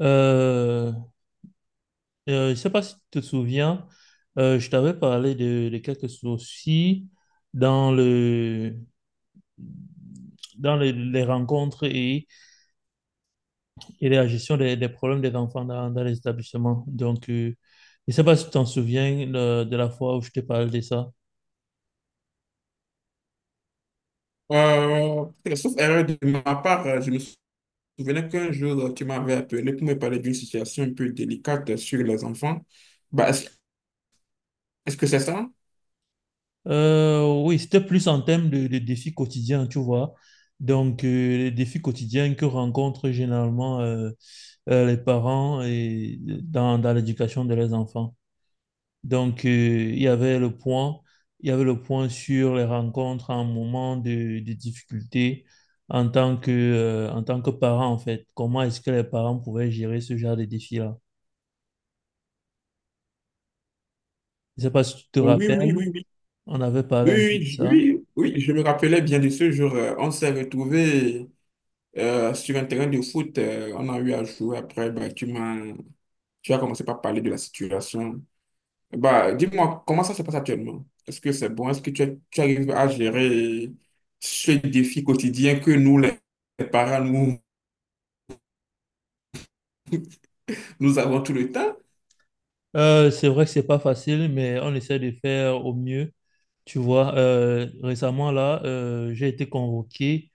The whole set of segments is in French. Euh, je sais pas si tu te souviens, je t'avais parlé de quelques soucis dans le, dans les rencontres et la gestion des problèmes des enfants dans les établissements. Donc, je sais pas si tu t'en souviens de la fois où je t'ai parlé de ça. Euh, Sauf erreur de ma part, je me souvenais qu'un jour, tu m'avais appelé pour me parler d'une situation un peu délicate sur les enfants. Bah, est-ce, est-ce que c'est ça? Oui, c'était plus en termes de défis quotidiens, tu vois. Donc, les défis quotidiens que rencontrent généralement les parents et dans l'éducation de leurs enfants. Donc, il y avait le point, il y avait le point sur les rencontres en moment de difficulté en tant que parent, en fait. Comment est-ce que les parents pouvaient gérer ce genre de défi-là? Je ne sais pas si tu te Oui, oui, oui, oui, rappelles, oui, on avait parlé un peu de oui, ça. oui, oui, oui, je me rappelais bien de ce jour. On s'est retrouvés sur un terrain de foot. On a eu à jouer après. Tu as commencé par parler de la situation. Bah, dis-moi, comment ça se passe actuellement? Est-ce que c'est bon? Est-ce que tu arrives à gérer ce défi quotidien que nous, les parents, nous, nous avons tout le temps? C'est vrai que c'est pas facile, mais on essaie de faire au mieux. Tu vois, récemment, là, j'ai été convoqué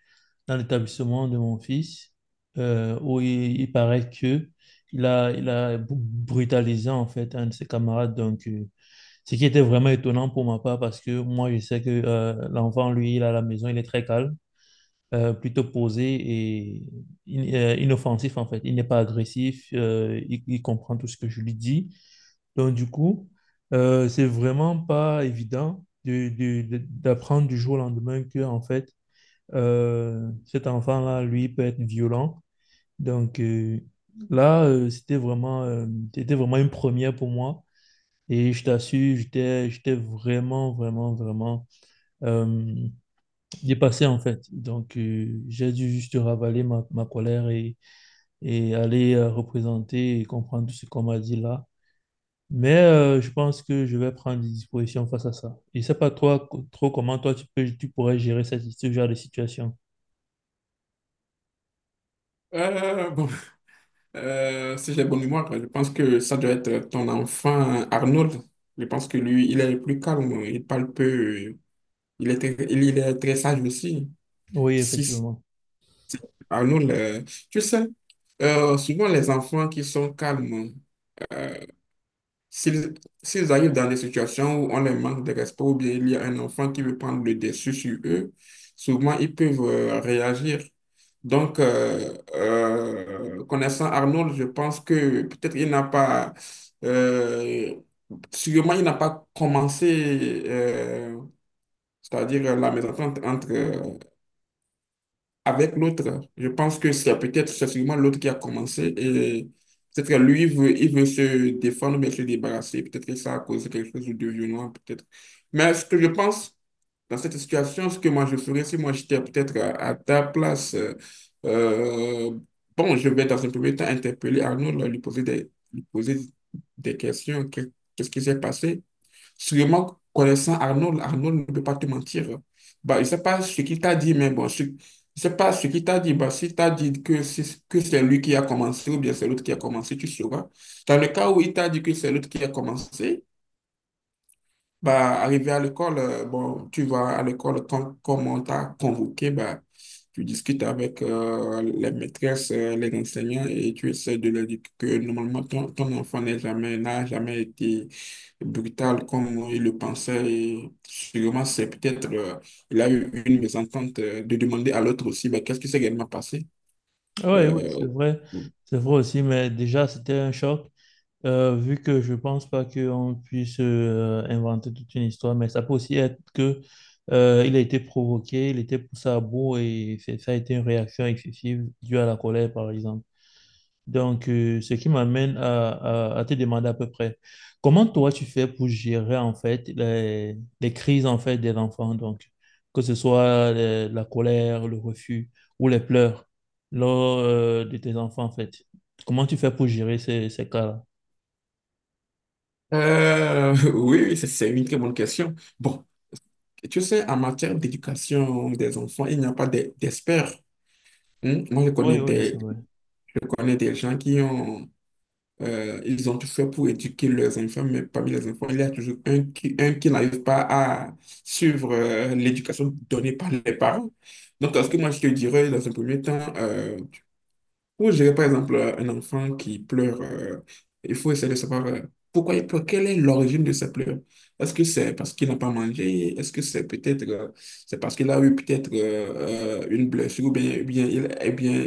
dans l'établissement de mon fils, où il paraît que brutalisé en fait un de ses camarades. Donc, ce qui était vraiment étonnant pour ma part parce que moi, je sais que l'enfant, lui, il est à la maison, il est très calme, plutôt posé et inoffensif en fait. Il n'est pas agressif, il comprend tout ce que je lui dis. Donc, du coup, c'est vraiment pas évident d'apprendre du jour au lendemain que en fait, cet enfant-là, lui, peut être violent. Donc euh, là, c'était vraiment une première pour moi. Et je t'assure, j'étais vraiment, vraiment, vraiment euh, dépassé en fait. Donc j'ai dû juste ravaler ma colère et aller représenter et comprendre tout ce qu'on m'a dit là. Mais je pense que je vais prendre des dispositions face à ça. Je ne sais pas toi, co- trop comment toi tu pourrais gérer ce genre de situation. Bon, si j'ai bonne mémoire, je pense que ça doit être ton enfant Arnold. Je pense que lui, il est plus calme, il parle peu, il est très sage aussi. Oui, Si c'est effectivement. Arnold, tu sais, souvent les enfants qui sont calmes, euh, S'ils s'ils arrivent dans des situations où on les manque de respect ou bien il y a un enfant qui veut prendre le dessus sur eux, souvent ils peuvent réagir. Connaissant Arnold, je pense que peut-être il n'a pas, euh, sûrement il n'a pas commencé, c'est-à-dire la mésentente entre avec l'autre. Je pense que c'est peut-être, c'est sûrement l'autre qui a commencé et peut-être que lui, il veut se défendre, mais se débarrasser. Peut-être que ça a causé quelque chose de violent, peut-être. Mais ce que je pense dans cette situation, ce que moi je ferais si moi j'étais peut-être à ta place, euh, bon, je vais dans un premier temps interpeller Arnaud, là, lui poser des questions. Qu'est-ce qui s'est passé? Sûrement, connaissant Arnold, Arnold ne peut pas te mentir. Bah, il ne sais pas ce qu'il t'a dit, mais bon, je ne pas ce qu'il t'a dit. Bah, s'il t'a dit que c'est lui qui a commencé ou bien c'est l'autre qui a commencé, tu sauras. Dans le cas où il t'a dit que c'est l'autre qui a commencé, bah, arrivé à l'école, bon, tu vas à l'école quand, comme on t'a convoqué, bah, tu discutes avec les maîtresses, les enseignants et tu essaies de leur dire que normalement ton, ton enfant n'est jamais, n'a jamais été brutal comme il le pensait et sûrement c'est peut-être, il a eu une mésentente de demander à l'autre aussi, bah, qu'est-ce qui s'est réellement passé? Oui, oui, c'est Euh, vrai. C'est vrai aussi, mais déjà, c'était un choc, vu que je pense pas qu'on puisse inventer toute une histoire, mais ça peut aussi être que il a été provoqué, il était poussé à bout et ça a été une réaction excessive due à la colère, par exemple. Donc, ce qui m'amène à te demander à peu près, comment toi tu fais pour gérer en fait les crises en fait des enfants, donc que ce soit la colère, le refus ou les pleurs lors de tes enfants en fait. Comment tu fais pour gérer ces cas-là? Oui, oui, c'est une très bonne question. Bon, tu sais, en matière d'éducation des enfants, il n'y a pas d'experts. Hein. Moi, Oui, oui, c'est vrai. je connais des gens qui ont ils ont tout fait pour éduquer leurs enfants, mais parmi les enfants, il y a toujours un qui n'arrive pas à suivre l'éducation donnée par les parents. Donc, ce que moi, je te dirais dans un premier temps, pour gérer, par exemple, un enfant qui pleure, il faut essayer de savoir pourquoi il pleure, quelle est l'origine de ses pleurs. Est-ce que c'est parce qu'il n'a pas mangé? Est-ce que c'est peut-être c'est parce qu'il a eu peut-être une blessure ou bien, il, eh bien,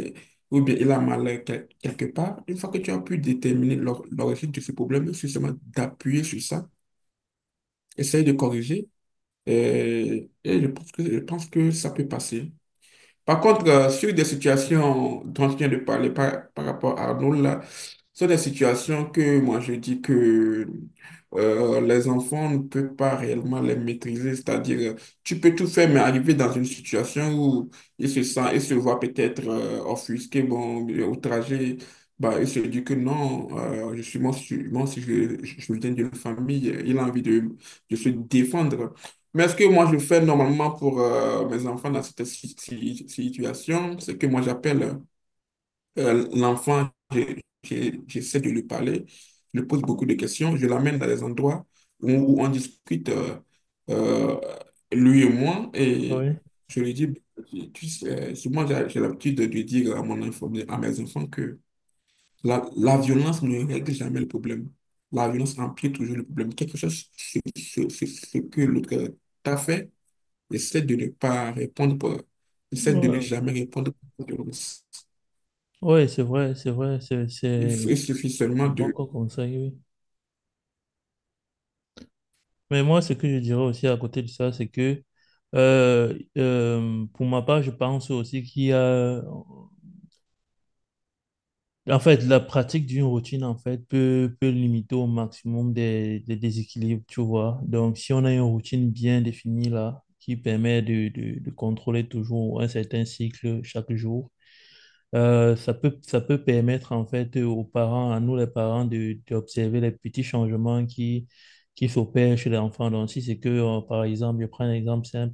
ou bien il a mal quelque part? Une fois que tu as pu déterminer l'origine de ce problème, c'est seulement d'appuyer sur ça, essayer de corriger. Et je pense que ça peut passer. Par contre, sur des situations dont je viens de parler par, par rapport à Arnaud, là, ce sont des situations que moi je dis que les enfants ne peuvent pas réellement les maîtriser. C'est-à-dire, tu peux tout faire, mais arriver dans une situation où ils se sentent, ils se voient peut-être offusqués, bon, outragés, bah, ils se disent que non, je suis moi, si je, je viens d'une famille, il a envie de se défendre. Mais ce que moi je fais normalement pour mes enfants dans cette situation, c'est que moi j'appelle l'enfant, j'essaie de lui parler, je lui pose beaucoup de questions, je l'amène dans des endroits où, où on discute, euh, lui et moi, et Oui, je lui dis, tu sais, souvent j'ai l'habitude de lui dire à mon enfant, à mes enfants que la violence ne règle jamais le problème. La violence empire toujours le problème. Quelque chose, ce que l'autre t'a fait. Essaie de ne pas répondre pour... Essaie de ne oui, jamais répondre pour violence. oui, c'est vrai, c'est vrai, Il, il suffit seulement c'est bon de... comme conseil, oui. Mais moi, ce que je dirais aussi à côté de ça, c'est que pour ma part, je pense aussi qu'il y a... En fait, la pratique d'une routine, en fait, peut limiter au maximum des déséquilibres, tu vois. Donc, si on a une routine bien définie là, qui permet de contrôler toujours un certain cycle chaque jour, ça peut permettre en fait aux parents, à nous les parents, de, d'observer les petits changements qui s'opèrent chez l'enfant. Donc, si c'est que, par exemple, je prends un exemple simple,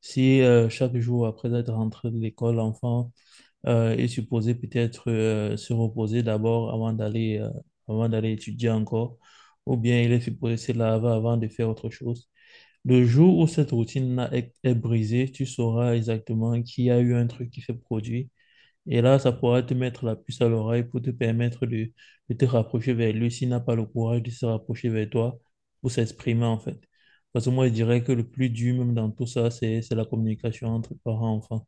si chaque jour après être rentré de l'école, l'enfant est supposé peut-être se reposer d'abord avant d'aller étudier encore, ou bien il est supposé se laver avant de faire autre chose. Le jour où cette routine est brisée, tu sauras exactement qu'il y a eu un truc qui s'est produit et là, ça pourra te mettre la puce à l'oreille pour te permettre de te rapprocher vers lui s'il n'a pas le courage de se rapprocher vers toi pour s'exprimer, en fait. Parce que moi, je dirais que le plus dur, même dans tout ça, c'est la communication entre parents et enfants.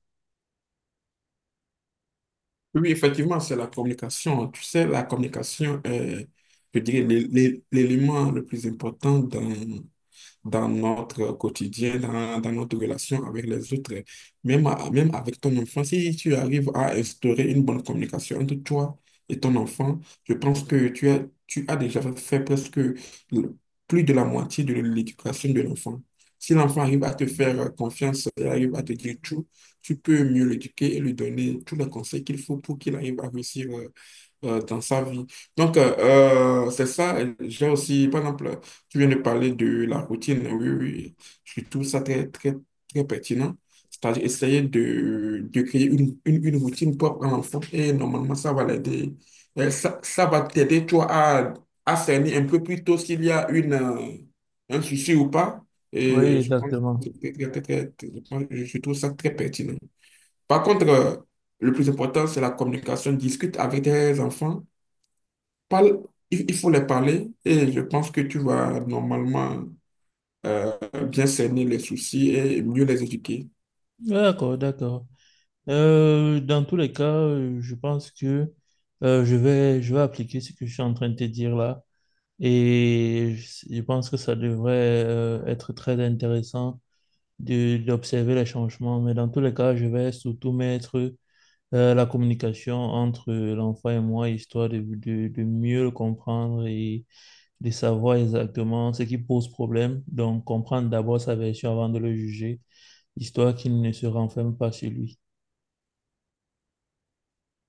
Oui, effectivement, c'est la communication. Tu sais, la communication est, je dirais, l'élément le plus important dans dans notre quotidien, dans, dans notre relation avec les autres. Même, même avec ton enfant, si tu arrives à instaurer une bonne communication entre toi et ton enfant, je pense que tu as déjà fait presque plus de la moitié de l'éducation de l'enfant. Si l'enfant arrive à te faire confiance et arrive à te dire tout, tu peux mieux l'éduquer et lui donner tous les conseils qu'il faut pour qu'il arrive à réussir dans sa vie. Donc, c'est ça. J'ai aussi, par exemple, tu viens de parler de la routine, oui, oui. Oui. Je trouve ça très, très pertinent. C'est-à-dire essayer de créer une routine propre à l'enfant et normalement, ça va l'aider. Ça, ça va t'aider, toi, à cerner un peu plus tôt s'il y a une, un souci ou pas. Oui, Et je pense que exactement. c'est très, je pense- je trouve ça très pertinent. Par contre, le plus important, c'est la communication. Discute avec tes enfants. Parle, il faut les parler et je pense que tu vas normalement euh, bien cerner les soucis et mieux les éduquer. D'accord, d'accord. Dans tous les cas, je pense que je vais appliquer ce que je suis en train de te dire là. Et je pense que ça devrait être très intéressant d'observer les changements. Mais dans tous les cas, je vais surtout mettre la communication entre l'enfant et moi, histoire de mieux le comprendre et de savoir exactement ce qui pose problème. Donc, comprendre d'abord sa version avant de le juger, histoire qu'il ne se renferme pas sur lui.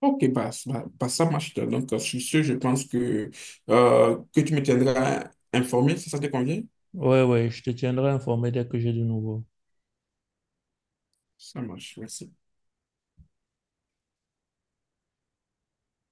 Ok, bah, ça marche. Donc, sur ce, je pense que tu me tiendras informé, si ça te convient. Ouais, ouais, je te tiendrai informé dès que j'ai du nouveau. Ça marche, merci.